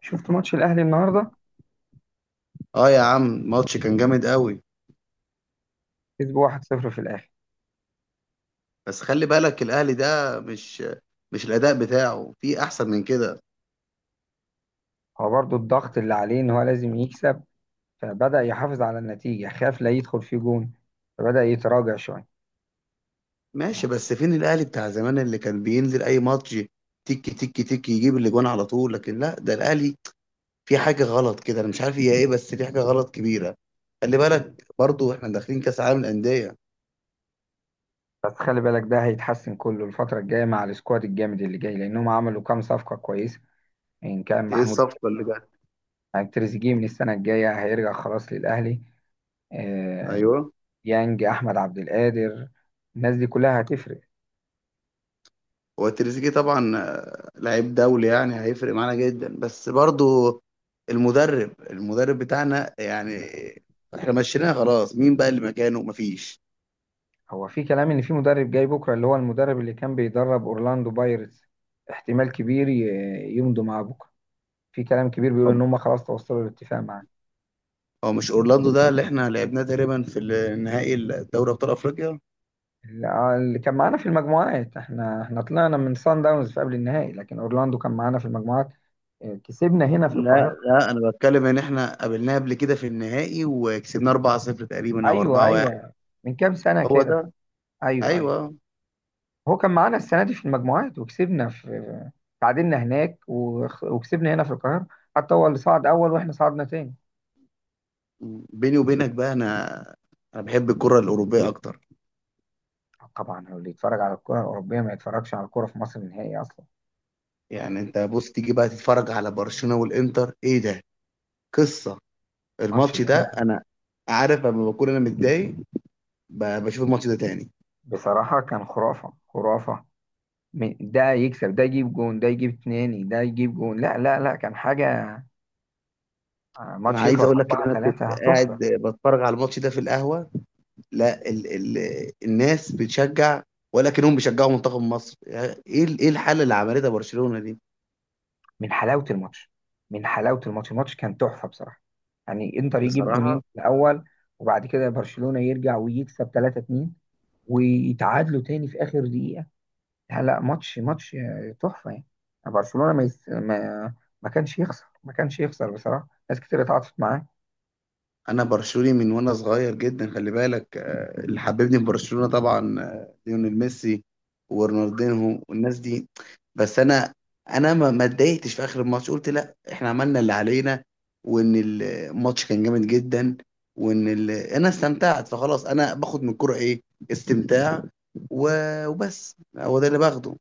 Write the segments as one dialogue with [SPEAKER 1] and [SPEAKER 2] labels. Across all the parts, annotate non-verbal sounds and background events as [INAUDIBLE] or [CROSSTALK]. [SPEAKER 1] شفت ماتش الاهلي النهارده.
[SPEAKER 2] اه يا عم، الماتش كان جامد قوي.
[SPEAKER 1] كسب 1-0 في الاخر.
[SPEAKER 2] بس خلي بالك الاهلي ده مش الاداء بتاعه في احسن من كده.
[SPEAKER 1] هو برضو الضغط اللي عليه ان هو لازم يكسب، فبدأ يحافظ على النتيجة، خاف لا يدخل فيه جون، فبدأ يتراجع شوية.
[SPEAKER 2] ماشي، بس فين الاهلي بتاع زمان اللي كان بينزل اي ماتش تيكي تيكي تيكي يجيب الاجوان على طول؟ لكن لا، ده الاهلي في حاجه غلط كده. انا مش عارف هي ايه، بس في حاجه غلط كبيره. خلي بالك برضو احنا داخلين كاس عالم الانديه.
[SPEAKER 1] بس خلي بالك ده هيتحسن كله الفترة الجاية مع السكواد الجامد اللي جاي، لأنهم عملوا كام صفقة كويسة. إن كان
[SPEAKER 2] ايه
[SPEAKER 1] محمود.
[SPEAKER 2] الصفقه اللي جت؟
[SPEAKER 1] يعني تريزيجيه من السنة الجاية هيرجع خلاص للأهلي. آه،
[SPEAKER 2] ايوه،
[SPEAKER 1] يانج أحمد عبد القادر، الناس دي كلها هتفرق.
[SPEAKER 2] هو تريزيجيه طبعا لعيب دولي، يعني هيفرق معانا جدا. بس برضو المدرب بتاعنا يعني احنا مشيناه خلاص، مين بقى اللي مكانه؟ مفيش.
[SPEAKER 1] هو في كلام ان في مدرب جاي بكره، اللي هو المدرب اللي كان بيدرب اورلاندو بايرتس. احتمال كبير يمضوا معاه بكره. في كلام كبير بيقول ان
[SPEAKER 2] طب
[SPEAKER 1] هم خلاص توصلوا لاتفاق معاه.
[SPEAKER 2] هو مش اورلاندو ده اللي احنا لعبناه تقريبا في النهائي الدوري ابطال افريقيا؟
[SPEAKER 1] اللي كان معانا في المجموعات، احنا طلعنا من سان داونز في قبل النهائي، لكن اورلاندو كان معانا في المجموعات. اه، كسبنا هنا في
[SPEAKER 2] لا
[SPEAKER 1] القاهره.
[SPEAKER 2] لا، انا بتكلم ان احنا قابلناه قبل كده في النهائي وكسبناه 4-0 تقريبا او
[SPEAKER 1] ايوه،
[SPEAKER 2] 4-1.
[SPEAKER 1] ايوه. من كام سنه
[SPEAKER 2] هو
[SPEAKER 1] كده.
[SPEAKER 2] ده.
[SPEAKER 1] ايوه، ايوه.
[SPEAKER 2] ايوه.
[SPEAKER 1] هو كان معانا السنه دي في المجموعات، وكسبنا في. تعادلنا هناك، وكسبنا هنا في القاهره. حتى هو اللي صعد اول واحنا صعدنا تاني.
[SPEAKER 2] بيني وبينك بقى، انا انا بحب الكرة الاوروبية اكتر.
[SPEAKER 1] طبعا هو اللي يتفرج على الكرة الأوروبية ما يتفرجش على الكرة في مصر نهائي أصلا. يعني
[SPEAKER 2] يعني انت بص، تيجي بقى تتفرج على برشلونة والانتر، ايه ده؟ قصة.
[SPEAKER 1] الماتش
[SPEAKER 2] الماتش ده
[SPEAKER 1] ده
[SPEAKER 2] انا عارف لما بكون انا متضايق بشوف الماتش ده تاني.
[SPEAKER 1] بصراحة كان خرافة خرافة. ده يكسب ده يجيب جون ده يجيب اتنين ده يجيب جون، لا، لا، لا، كان حاجة.
[SPEAKER 2] انا
[SPEAKER 1] ماتش
[SPEAKER 2] عايز
[SPEAKER 1] يخلص
[SPEAKER 2] اقول لك ان
[SPEAKER 1] أربعة
[SPEAKER 2] انا كنت
[SPEAKER 1] تلاتة
[SPEAKER 2] قاعد
[SPEAKER 1] تحفة.
[SPEAKER 2] بتفرج على الماتش ده في القهوة. لا ال ال الناس بتشجع، ولكنهم بيشجعوا منتخب مصر. يعني ايه ايه الحالة اللي عملتها برشلونة دي؟
[SPEAKER 1] من حلاوة الماتش من حلاوة الماتش. الماتش كان تحفة بصراحة. يعني إنتر يجيب جونين
[SPEAKER 2] بصراحة
[SPEAKER 1] في الأول، وبعد كده برشلونة يرجع ويكسب 3-2، ويتعادلوا تاني في آخر دقيقة. لا، ماتش ماتش تحفة يعني. برشلونة ما ما كانش يخسر، ما كانش يخسر بصراحة. ناس كتير اتعاطفت معاه.
[SPEAKER 2] انا برشلوني من وانا صغير جدا. خلي بالك اللي حببني في برشلونة طبعا ليونيل ميسي ورونالدينهو والناس دي. بس انا انا ما اتضايقتش في اخر الماتش. قلت لا، احنا عملنا اللي علينا، وان الماتش كان جامد جدا، وان انا استمتعت. فخلاص، انا باخد من الكوره ايه؟ استمتاع و... وبس، هو ده اللي باخده.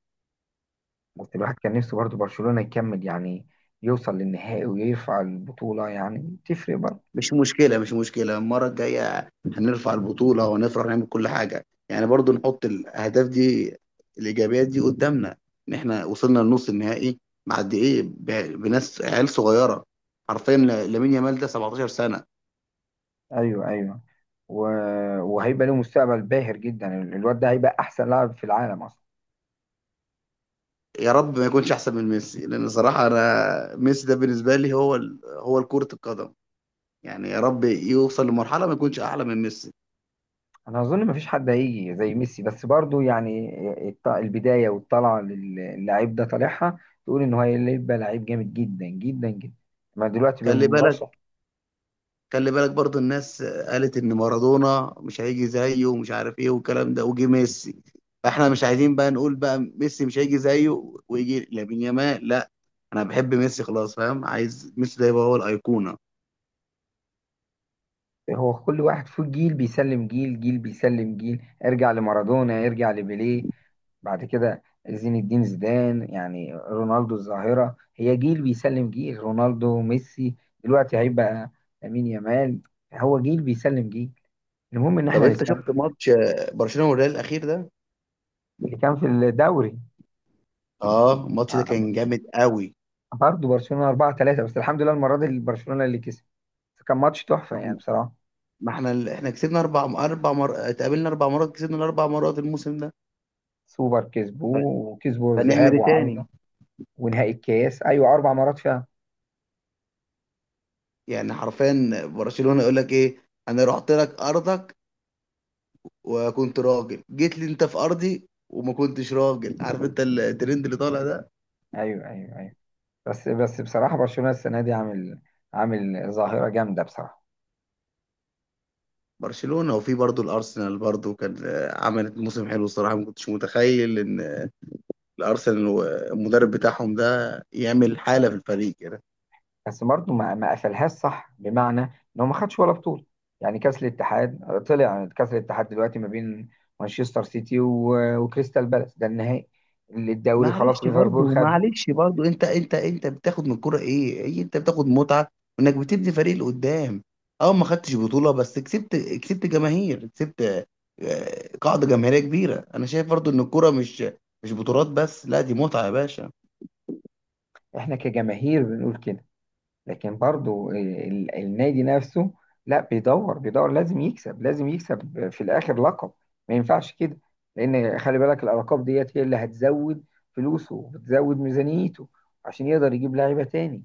[SPEAKER 1] بس الواحد كان نفسه برضه برشلونة يكمل، يعني يوصل للنهائي ويرفع البطولة، يعني تفرق برضه.
[SPEAKER 2] مش مشكلة، مش مشكلة، المرة الجاية هنرفع البطولة وهنفرح نعمل كل حاجة. يعني برضو نحط الأهداف دي، الإيجابيات دي قدامنا، إن إحنا وصلنا لنص النهائي مع قد إيه بناس عيال صغيرة. حرفيا لامين يامال ده 17 سنة.
[SPEAKER 1] ايوه، ايوه. و... وهيبقى له مستقبل باهر جدا، الواد ده هيبقى احسن لاعب في العالم اصلا.
[SPEAKER 2] يا رب ما يكونش أحسن من ميسي، لأن صراحة أنا ميسي ده بالنسبة لي هو هو كرة القدم. يعني يا رب يوصل لمرحلة ما يكونش أعلى من ميسي.
[SPEAKER 1] انا اظن ما فيش حد هيجي زي ميسي، بس برضه يعني البداية والطلعة للاعب ده طالعها تقول ان هو هيبقى لعيب جامد جدا جدا جدا. ما دلوقتي
[SPEAKER 2] خلي بالك،
[SPEAKER 1] بمرشح.
[SPEAKER 2] خلي بالك برضو الناس قالت ان مارادونا مش هيجي زيه ومش عارف ايه والكلام ده، وجه ميسي. فاحنا مش عايزين بقى نقول بقى ميسي مش هيجي زيه ويجي لامين يامال. لا، انا بحب ميسي خلاص، فاهم؟ عايز ميسي ده يبقى هو الايقونه.
[SPEAKER 1] هو كل واحد فيه جيل بيسلم جيل، جيل بيسلم جيل، ارجع لمارادونا، ارجع لبيليه. بعد كده زين الدين زيدان، يعني رونالدو الظاهرة، هي جيل بيسلم جيل، رونالدو، ميسي. دلوقتي هيبقى لامين يامال. هو جيل بيسلم جيل. المهم ان
[SPEAKER 2] طب
[SPEAKER 1] احنا
[SPEAKER 2] انت
[SPEAKER 1] نستمتع.
[SPEAKER 2] شفت ماتش برشلونه والريال الاخير ده؟
[SPEAKER 1] اللي كان في الدوري.
[SPEAKER 2] اه، الماتش ده
[SPEAKER 1] ع-
[SPEAKER 2] كان جامد قوي.
[SPEAKER 1] برضه برشلونة 4-3، بس الحمد لله المرة دي برشلونة اللي كسب. بس كان ماتش تحفة
[SPEAKER 2] ما
[SPEAKER 1] يعني
[SPEAKER 2] احنا
[SPEAKER 1] بصراحة.
[SPEAKER 2] ما احنا احنا كسبنا اتقابلنا اربع مرات، كسبنا الاربع مرات الموسم ده.
[SPEAKER 1] سوبر
[SPEAKER 2] ف-
[SPEAKER 1] كسبوه وكسبوا
[SPEAKER 2] فنعمل
[SPEAKER 1] الذهاب
[SPEAKER 2] ايه تاني؟
[SPEAKER 1] وعودة. ونهائي الكاس، ايوه، 4 مرات فيها.
[SPEAKER 2] يعني حرفيا برشلونه يقول لك ايه؟ انا رحت لك ارضك وكنت راجل، جيت لي انت في ارضي وما كنتش راجل. عارف انت الترند اللي طالع ده؟
[SPEAKER 1] ايوه، ايوه، ايوه. بس بس بصراحه، برشلونه السنه دي عامل عامل ظاهره جامده بصراحه.
[SPEAKER 2] برشلونة، وفي برضه الارسنال برضه كان عملت موسم حلو الصراحة. ما كنتش متخيل ان الارسنال والمدرب بتاعهم ده يعمل حالة في الفريق.
[SPEAKER 1] بس برضه ما قفلهاش صح، بمعنى ان هو ما خدش ولا بطوله. يعني كاس الاتحاد طلع. كاس الاتحاد دلوقتي ما بين مانشستر سيتي وكريستال بالاس، ده النهائي. الدوري خلاص،
[SPEAKER 2] معلش
[SPEAKER 1] ليفربول
[SPEAKER 2] برضه،
[SPEAKER 1] خده.
[SPEAKER 2] معلش برضه، انت بتاخد من الكوره ايه؟ ايه انت بتاخد؟ متعه انك بتبني فريق اللي قدام. اه ما خدتش بطوله، بس كسبت، كسبت جماهير، كسبت قاعده جماهيريه كبيره. انا شايف برضه ان الكوره مش بطولات بس، لا، دي متعه يا باشا.
[SPEAKER 1] احنا كجماهير بنقول كده، لكن برضو النادي نفسه، لا، بيدور بيدور، لازم يكسب، لازم يكسب في الاخر لقب. ما ينفعش كده، لان خلي بالك الالقاب ديت هي اللي هتزود فلوسه وتزود ميزانيته، عشان يقدر يجيب لعيبه تاني.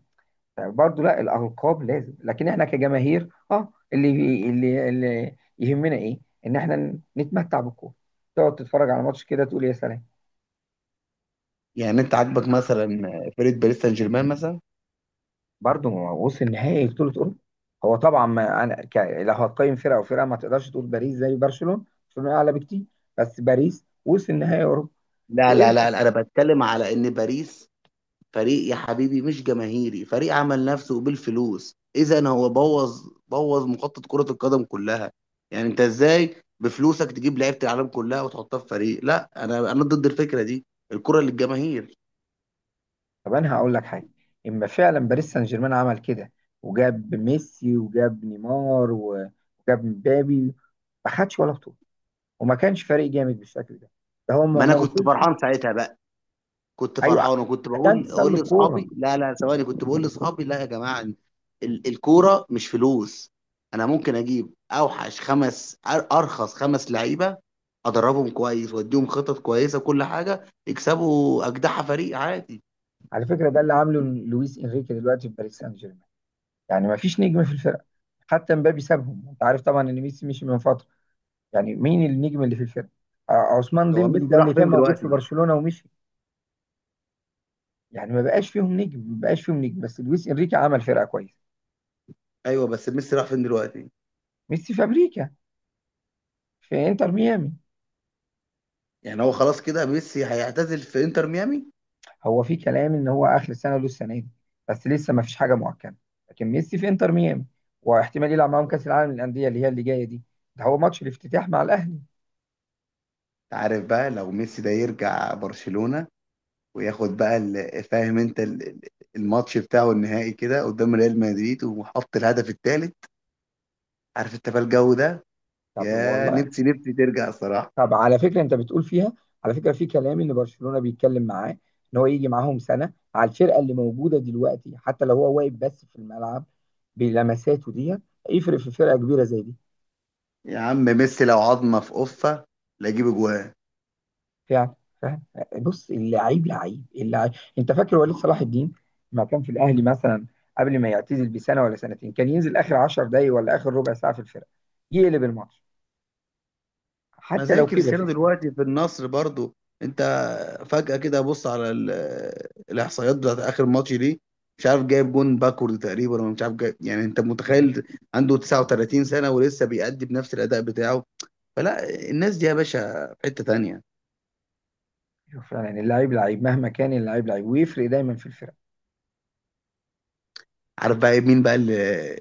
[SPEAKER 1] فبرضو لا، الالقاب لازم، لكن احنا كجماهير اللي يهمنا ايه، ان احنا نتمتع بالكوره. تقعد تتفرج على ماتش كده، تقول يا سلام.
[SPEAKER 2] يعني انت عاجبك مثلا فريق باريس سان جيرمان مثلا؟
[SPEAKER 1] برضه ما هو وصل نهائي بطولة أوروبا. هو طبعا ما أنا لو هتقيم فرقة وفرقة ما تقدرش تقول باريس زي برشلونة، برشلونة أعلى بكتير. بس باريس وصل نهائي أوروبا.
[SPEAKER 2] لا لا
[SPEAKER 1] وإنتر.
[SPEAKER 2] لا لا، انا بتكلم على ان باريس فريق يا حبيبي مش جماهيري، فريق عمل نفسه بالفلوس. اذا هو بوظ، بوظ مخطط كرة القدم كلها. يعني انت ازاي بفلوسك تجيب لعيبة العالم كلها وتحطها في فريق؟ لا انا، انا ضد الفكرة دي. الكرة للجماهير.
[SPEAKER 1] طب أنا هقول لك حاجة. إما فعلا باريس سان جيرمان عمل كده، وجاب ميسي وجاب نيمار وجاب مبابي، ما خدش ولا بطولة، وما كانش فريق جامد بالشكل ده. ده هو ما
[SPEAKER 2] ما انا
[SPEAKER 1] ما
[SPEAKER 2] كنت
[SPEAKER 1] وصلش.
[SPEAKER 2] فرحان ساعتها بقى. كنت
[SPEAKER 1] أيوه،
[SPEAKER 2] فرحان وكنت
[SPEAKER 1] ده
[SPEAKER 2] بقول
[SPEAKER 1] انتصار
[SPEAKER 2] اقول
[SPEAKER 1] للكورة.
[SPEAKER 2] لاصحابي لا لا، ثواني، كنت بقول لاصحابي لا يا جماعه، الكوره مش فلوس. انا ممكن اجيب اوحش خمس ارخص خمس لعيبه، ادربهم كويس واديهم خطط كويسه وكل حاجه، يكسبوا اجدع فريق عادي.
[SPEAKER 1] على فكرة ده اللي عامله لويس إنريكي دلوقتي في باريس سان جيرمان. يعني ما فيش نجم في الفرقة. حتى مبابي سابهم. انت عارف طبعا ان ميسي مشي من فتره. يعني مين النجم اللي في الفرقه؟ عثمان
[SPEAKER 2] هو
[SPEAKER 1] ديمبلي
[SPEAKER 2] ميسي
[SPEAKER 1] ده اللي
[SPEAKER 2] راح
[SPEAKER 1] كان
[SPEAKER 2] فين
[SPEAKER 1] موجود في
[SPEAKER 2] دلوقتي؟
[SPEAKER 1] برشلونه ومشي. يعني ما بقاش فيهم نجم، ما بقاش فيهم نجم، بس لويس انريكي عمل فرقه كويسه.
[SPEAKER 2] ايوه، بس ميسي راح فين دلوقتي؟
[SPEAKER 1] ميسي في امريكا، في انتر ميامي.
[SPEAKER 2] يعني هو خلاص كده ميسي هيعتزل في انتر ميامي؟
[SPEAKER 1] هو في كلام ان هو اخر السنه له السنه دي، بس لسه ما فيش حاجه مؤكده. لكن ميسي في انتر ميامي، واحتمال يلعب معاهم كاس العالم للانديه اللي هي اللي جايه دي. ده هو ماتش الافتتاح مع الاهلي.
[SPEAKER 2] عارف بقى، لو ميسي ده يرجع برشلونه وياخد بقى فاهم انت الماتش بتاعه النهائي كده قدام ريال مدريد وحط الهدف الثالث، عارف انت بقى الجو ده؟
[SPEAKER 1] طب
[SPEAKER 2] يا
[SPEAKER 1] والله.
[SPEAKER 2] نفسي، نفسي ترجع صراحة.
[SPEAKER 1] طب على فكره انت بتقول فيها. على فكره، في كلام ان برشلونه بيتكلم معاه ان هو يجي معاهم سنه على الفرقه اللي موجوده دلوقتي، حتى لو هو واقف بس في الملعب، بلمساته دي يفرق في فرقه كبيره زي دي.
[SPEAKER 2] يا عم ميسي لو عظمة في قفة لا يجيب اجوان.
[SPEAKER 1] فعلا، فعلا. بص، اللعيب لعيب، اللعيب. انت فاكر وليد صلاح الدين لما كان في الاهلي مثلا، قبل ما يعتزل بسنه ولا سنتين، كان ينزل اخر 10 دقايق ولا اخر ربع ساعه في الفرقه يقلب الماتش،
[SPEAKER 2] ما
[SPEAKER 1] حتى
[SPEAKER 2] زي
[SPEAKER 1] لو كبر في
[SPEAKER 2] كريستيانو
[SPEAKER 1] السن.
[SPEAKER 2] دلوقتي في النصر برضو. انت فجأة كده بص على الاحصائيات بتاعت اخر ماتش دي. مش عارف جايب جون باكورد تقريبا، ولا مش عارف جايب، يعني انت متخيل؟ عنده 39 سنة ولسه بيأدي بنفس الأداء بتاعه. فلا، الناس دي يا باشا في حتة تانية.
[SPEAKER 1] أيوة، فعلا اللعيب لعيب مهما كان، اللعيب لعيب ويفرق دايما في
[SPEAKER 2] عارف بقى إيه؟ مين بقى اللي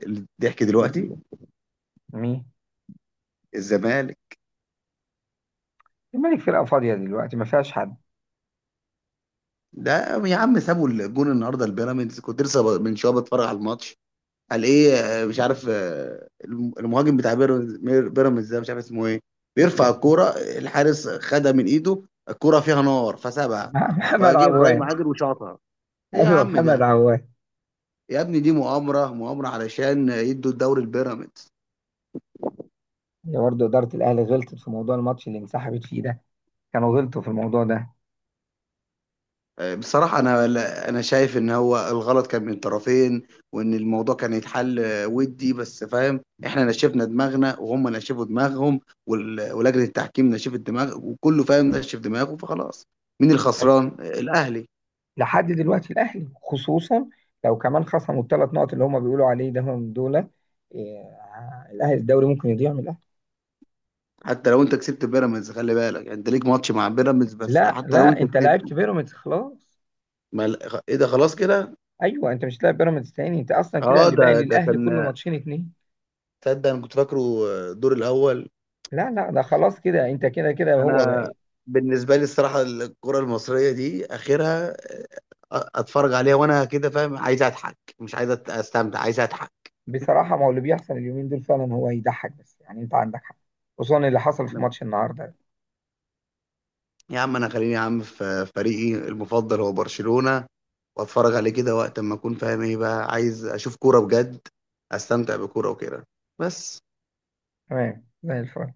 [SPEAKER 2] اللي الضحك دلوقتي؟
[SPEAKER 1] الفرقه.
[SPEAKER 2] الزمالك.
[SPEAKER 1] الملك فرقة فاضية دلوقتي، ما فيهاش حد.
[SPEAKER 2] ده يا عم سابوا الجون النهارده البيراميدز. كنت لسه من شويه بتفرج على الماتش. قال ايه؟ مش عارف المهاجم بتاع بيراميدز، بيراميدز ده مش عارف اسمه ايه، بيرفع الكوره، الحارس خدها من ايده، الكوره فيها نار
[SPEAKER 1] [LAUGHS]
[SPEAKER 2] فسابها،
[SPEAKER 1] محمد
[SPEAKER 2] فجه ابراهيم
[SPEAKER 1] عوان.
[SPEAKER 2] عادل وشاطها. ايه يا
[SPEAKER 1] ايوه،
[SPEAKER 2] عم
[SPEAKER 1] محمد
[SPEAKER 2] ده؟
[SPEAKER 1] عوان.
[SPEAKER 2] يا ابني دي مؤامره، مؤامره علشان يدوا الدوري البيراميدز.
[SPEAKER 1] هي برضه إدارة الأهلي غلطت في موضوع الماتش اللي انسحبت فيه ده. كانوا غلطوا في الموضوع ده.
[SPEAKER 2] بصراحة أنا أنا شايف إن هو الغلط كان من الطرفين، وإن الموضوع كان يتحل ودي بس، فاهم؟ إحنا نشفنا دماغنا وهم نشفوا دماغهم، ولجنة التحكيم نشفت دماغ، وكله فاهم نشف دماغه، فخلاص. مين
[SPEAKER 1] بس
[SPEAKER 2] الخسران؟ الأهلي.
[SPEAKER 1] لحد دلوقتي الأهلي خصوصا، لو كمان خصموا الثلاث نقط اللي هم بيقولوا عليه ده، هم دول إيه، الأهلي الدوري ممكن يضيع من الأهلي.
[SPEAKER 2] حتى لو أنت كسبت بيراميدز، خلي بالك يعني، أنت ليك ماتش مع بيراميدز بس،
[SPEAKER 1] لا،
[SPEAKER 2] حتى لو
[SPEAKER 1] لا،
[SPEAKER 2] أنت
[SPEAKER 1] أنت
[SPEAKER 2] كسبت.
[SPEAKER 1] لعبت بيراميدز خلاص.
[SPEAKER 2] ما إيه ده، خلاص كده؟
[SPEAKER 1] أيوه، أنت مش هتلاعب بيراميدز تاني، أنت أصلا كده
[SPEAKER 2] أه،
[SPEAKER 1] اللي باقي
[SPEAKER 2] ده
[SPEAKER 1] للأهلي كله
[SPEAKER 2] كان،
[SPEAKER 1] ماتشين اتنين.
[SPEAKER 2] تصدق أنا كنت فاكره الدور الأول.
[SPEAKER 1] لا، لا، ده خلاص كده، أنت كده كده هو
[SPEAKER 2] انا
[SPEAKER 1] بقى.
[SPEAKER 2] بالنسبه لي الصراحه، الكره المصريه دي اخرها اتفرج عليها وانا كده، فاهم؟ عايز اضحك، مش عايز استمتع، عايز اضحك.
[SPEAKER 1] بصراحة، ما هو اللي بيحصل اليومين دول فعلا هو يضحك، بس يعني انت عندك حق، خصوصا اللي حصل في
[SPEAKER 2] أنا
[SPEAKER 1] ماتش النهاردة.
[SPEAKER 2] يا عم، انا خليني يا عم في فريقي المفضل هو برشلونه، واتفرج عليه كده وقت ما اكون فاهم، ايه بقى؟ عايز اشوف كوره بجد، استمتع بكوره وكده، بس.
[SPEAKER 1] تمام زي الفل.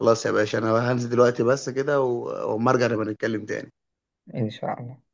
[SPEAKER 2] خلاص يا باشا، انا هنزل دلوقتي بس كده، واما ارجع نبقى نتكلم تاني.
[SPEAKER 1] ان شاء الله.